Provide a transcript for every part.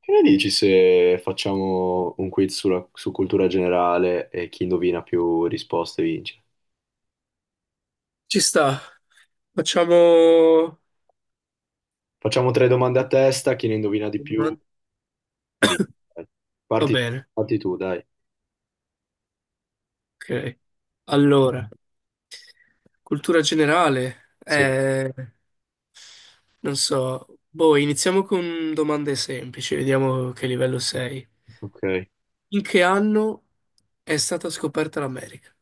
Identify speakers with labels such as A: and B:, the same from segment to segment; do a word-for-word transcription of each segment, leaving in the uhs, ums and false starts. A: Che ne dici se facciamo un quiz sulla- su cultura generale e chi indovina più risposte vince?
B: Ci sta, facciamo...
A: Facciamo tre domande a testa, chi ne indovina di più
B: va
A: vince. Dai. Parti,
B: bene,
A: parti tu, dai.
B: ok. Allora, cultura generale,
A: Sì,
B: eh, non so, boh, iniziamo con domande semplici, vediamo che livello sei.
A: ok.
B: In che anno è stata scoperta l'America?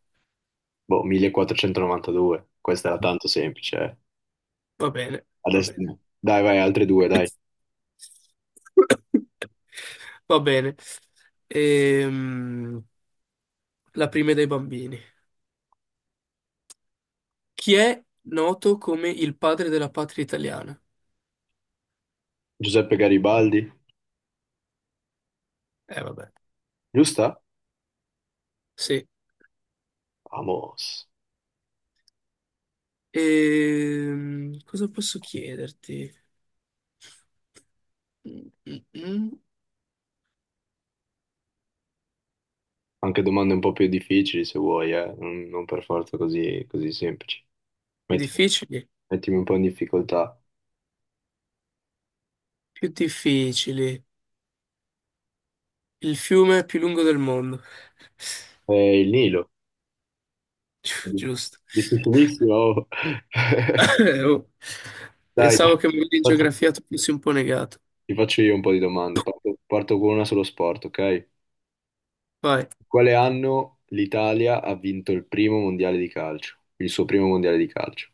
A: Boh, millequattrocentonovantadue, questa era tanto semplice, eh.
B: Va bene, va
A: Adesso
B: bene.
A: no. Dai, vai, altre due, dai.
B: Va bene. Ehm, la prima è dei bambini. Chi è noto come il padre della patria italiana?
A: Giuseppe Garibaldi,
B: Eh, vabbè,
A: giusta?
B: sì.
A: Vamos.
B: Ehm, cosa posso chiederti? Mm, mm, mm.
A: Anche domande un po' più difficili se vuoi, eh. Non, non per forza così, così semplici.
B: Più
A: Mettimi,
B: difficili?
A: mettimi un po' in difficoltà.
B: Più difficili. Il fiume più lungo del mondo.
A: Eh, il Nilo.
B: Gi- Giusto.
A: Difficilissimo.
B: Oh,
A: Dai, ti
B: pensavo che magari in
A: faccio
B: geografia tu fossi un po' negato.
A: ti faccio io un po' di domande. Parto, parto con una sullo sport, ok? In
B: Vai.
A: quale anno l'Italia ha vinto il primo mondiale di calcio? Il suo primo mondiale di calcio?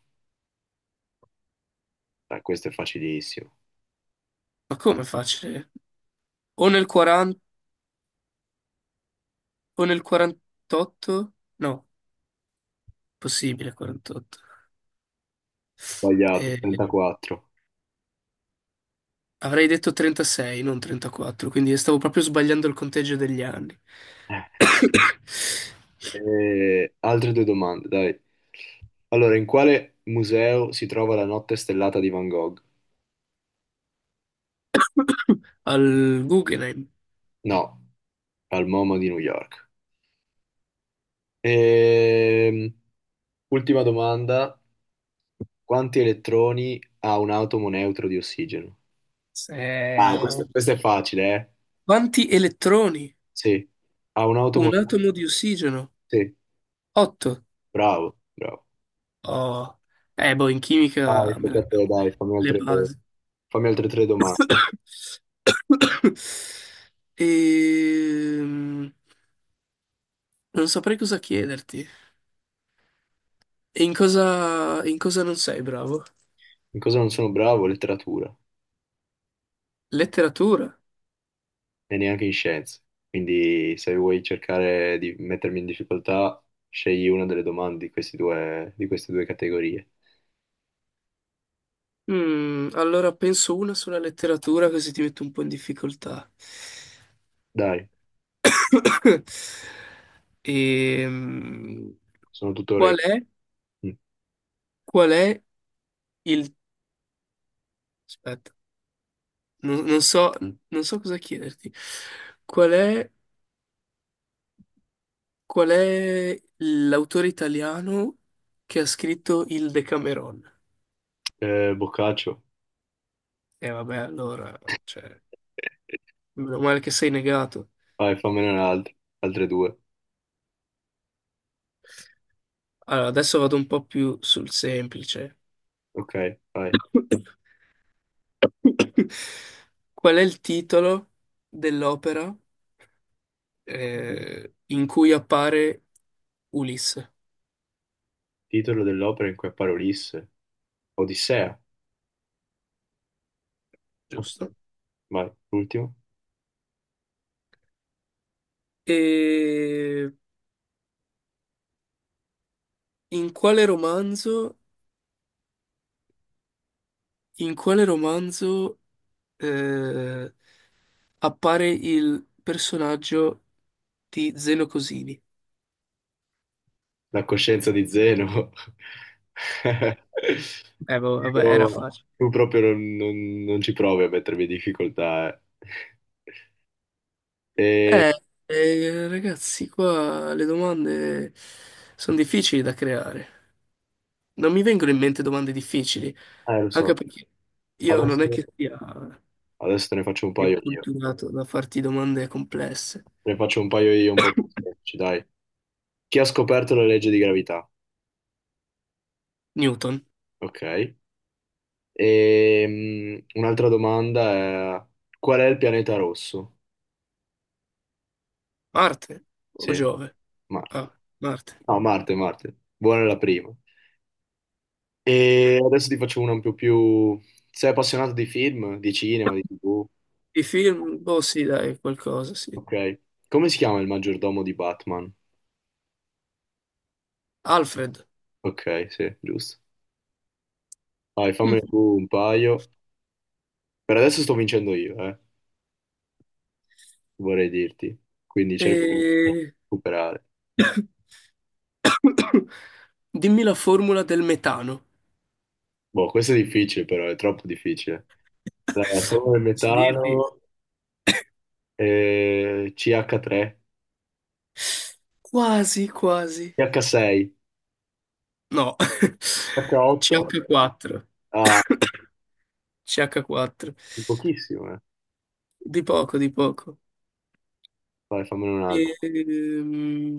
A: Dai, questo è facilissimo.
B: Ma come facile? O nel quaranta, o nel quarantotto? No, possibile quarantotto.
A: Sbagliato, trentaquattro.
B: Avrei detto trentasei, non trentaquattro, quindi stavo proprio sbagliando il conteggio degli anni.
A: Eh, altre due domande, dai. Allora, in quale museo si trova la notte stellata di Van Gogh?
B: Al Guggenheim.
A: No, al MoMA di New York. Ehm, Ultima domanda, quanti elettroni ha un atomo neutro di ossigeno? Ah, questo...
B: Se-
A: questo è facile, eh?
B: Quanti elettroni?
A: Sì, ha un atomo...
B: Un atomo di ossigeno?
A: Sì,
B: otto.
A: bravo, bravo.
B: Oh. Eh, boh, in
A: Vai,
B: chimica me
A: tocca
B: la
A: a
B: cavo,
A: te, dai,
B: dai.
A: fammi
B: Le
A: altre,
B: basi.
A: fammi altre tre domande.
B: Ehm, Non saprei cosa chiederti. E in cosa, in cosa non sei bravo?
A: In cosa non sono bravo? Letteratura
B: Letteratura?
A: e neanche in scienze. Quindi se vuoi cercare di mettermi in difficoltà, scegli una delle domande di questi due- di queste due categorie.
B: Mm, allora penso una sulla letteratura così ti metto un po' in difficoltà.
A: Dai,
B: Ehm,
A: sono tutto
B: qual
A: orecchio.
B: è,
A: Mm.
B: qual è il... Aspetta, non, non so, non so cosa chiederti. Qual è, qual è l'autore italiano che ha scritto il Decameron?
A: Eh, Boccaccio.
B: E vabbè, allora, cioè, meno male che sei negato.
A: Vai, fammene un'altra, altre due.
B: Allora, adesso vado un po' più sul semplice.
A: Ok, vai.
B: Qual è il titolo dell'opera eh, in cui appare Ulisse?
A: Titolo dell'opera in cui appare Ulisse. Odissea. Ok,
B: Giusto.
A: vai, l'ultimo.
B: E in quale romanzo, in quale romanzo eh, appare il personaggio di Zeno Cosini?
A: La coscienza di Zeno.
B: Eh, boh, vabbè, era
A: Dico, ma
B: facile.
A: tu proprio non, non- non ci provi a mettermi in difficoltà. Eh, E-
B: Eh, eh, Ragazzi, qua le domande sono difficili da creare. Non mi vengono in mente domande difficili,
A: eh, lo so.
B: anche perché io non è
A: Adesso,
B: che sia
A: adesso te ne faccio un
B: sia
A: paio io.
B: culturato da farti domande complesse.
A: Te ne faccio un paio io un po' più semplici, dai. Chi ha scoperto la legge di gravità?
B: Newton.
A: Ok. E mm, un'altra domanda è qual è il pianeta rosso?
B: Marte o
A: Sì,
B: Giove?
A: Marte.
B: Ah, Marte.
A: No, Marte, Marte. Buona la prima. E adesso ti faccio una un po' più... Sei appassionato di film, di cinema, di T V?
B: I film, boh, sì, dai, qualcosa, sì.
A: Ok. Come si chiama il maggiordomo di Batman?
B: Alfred.
A: Ok, sì, giusto. Dai,
B: Mm.
A: fammene tu un paio. Per adesso sto vincendo io, eh, vorrei dirti. Quindi cerco di
B: E...
A: recuperare.
B: Dimmi la formula del metano.
A: Boh, questo è difficile però, è troppo difficile. Allora, polvere
B: Posso dirti?
A: metano, eh, ci acca tre,
B: Quasi, quasi.
A: ci acca sei,
B: No.
A: ci acca otto,
B: C H quattro.
A: ah,
B: C H quattro.
A: pochissimo, eh.
B: Di poco, di poco.
A: Vai, fammene un'altra.
B: Ehm,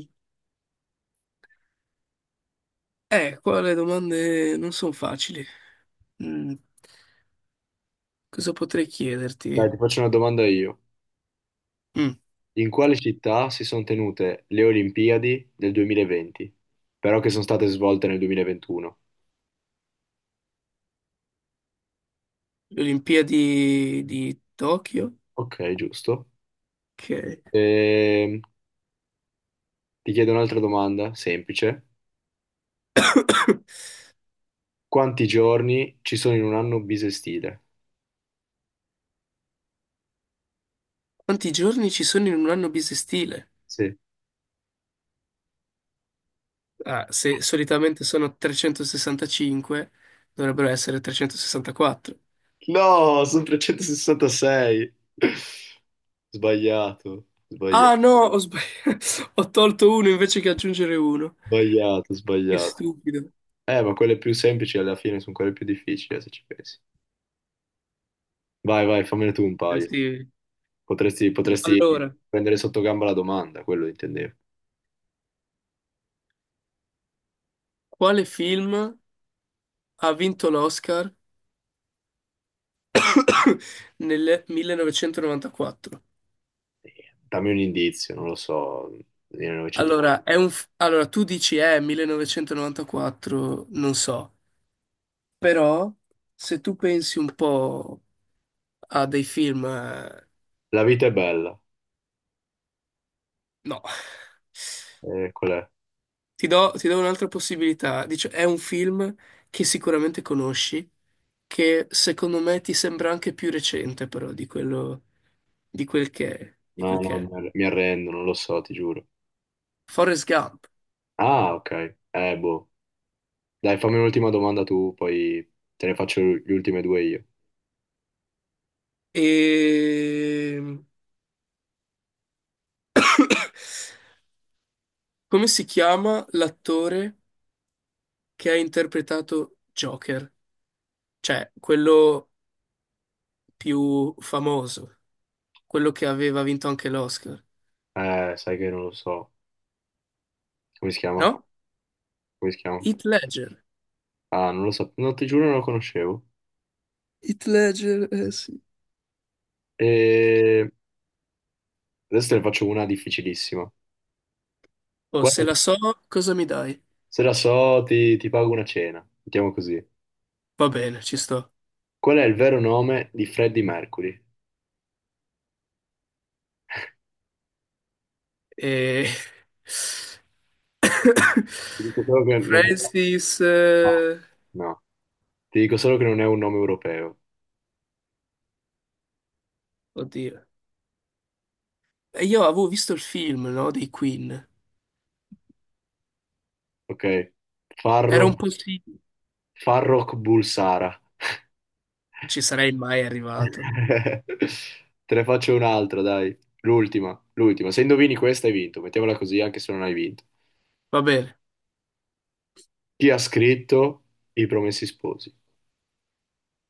B: eh, Qua le domande non sono facili. Mm, Cosa potrei
A: Dai,
B: chiederti?
A: ti faccio una domanda io.
B: Mm,
A: In quale città si sono tenute le Olimpiadi del duemilaventi, però che sono state svolte nel duemilaventuno?
B: le Olimpiadi di Tokyo?
A: Ok, giusto.
B: Ok.
A: Ehm, ti chiedo un'altra domanda, semplice. Quanti giorni ci sono in un anno bisestile?
B: Quanti giorni ci sono in un anno bisestile?
A: Sì.
B: Ah, se solitamente sono trecentosessantacinque, dovrebbero essere trecentosessantaquattro.
A: No, sono trecentosessantasei. Sbagliato, sbagliato.
B: Ah no, ho sbagliato. Ho tolto uno invece che aggiungere uno.
A: Sbagliato,
B: Che
A: sbagliato.
B: stupido.
A: Eh, ma quelle più semplici alla fine sono quelle più difficili, eh, se ci pensi. Vai, vai, fammene tu un
B: Eh
A: paio.
B: sì.
A: Potresti, potresti
B: Allora,
A: prendere sotto gamba la domanda, quello intendevo.
B: quale film ha vinto l'Oscar nel millenovecentonovantaquattro?
A: Eh, Dammi un indizio, non lo so. millenovecento.
B: Allora, è un f- allora, tu dici, eh, millenovecentonovantaquattro, non so, però se tu pensi un po' a dei film, eh,
A: La vita è bella.
B: no.
A: Eh, qual è?
B: Ti do, ti do un'altra possibilità. Dice, è un film che sicuramente conosci, che secondo me ti sembra anche più recente, però, di quello, di quel che è, di
A: No,
B: quel che
A: no, mi
B: è.
A: arre- mi arrendo, non lo so, ti giuro.
B: Forrest Gump.
A: Ah, ok. Eh, boh. Dai, fammi un'ultima domanda tu, poi te ne faccio le ultime due io.
B: E... Come si chiama l'attore che ha interpretato Joker? Cioè, quello più famoso, quello che aveva vinto anche l'Oscar.
A: Eh, sai che non lo so. Come si chiama?
B: No?
A: Come si chiama?
B: Heath Ledger.
A: Ah, non lo so. No, ti giuro non lo conoscevo.
B: Heath Ledger, eh sì.
A: E adesso te ne faccio una difficilissima.
B: Oh,
A: Qual-
B: se la so, cosa mi dai?
A: Se la so, ti, ti pago una cena. Mettiamo così.
B: Va bene, ci sto.
A: Qual è il vero nome di Freddie Mercury?
B: E...
A: Ti dico solo che non è...
B: Francis,
A: No,
B: eh,
A: no. Ti dico solo che non è un nome europeo.
B: oddio. E io avevo visto il film, no? Dei Queen.
A: Ok?
B: Era un
A: Farro...
B: po' sì.
A: Farrokh Bulsara.
B: Ci sarei mai arrivato.
A: Te ne faccio un'altra, dai. L'ultima, l'ultima. Se indovini questa hai vinto. Mettiamola così, anche se non hai vinto.
B: Va bene.
A: Chi ha scritto I Promessi Sposi?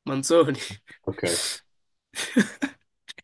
B: Manzoni.
A: Ok.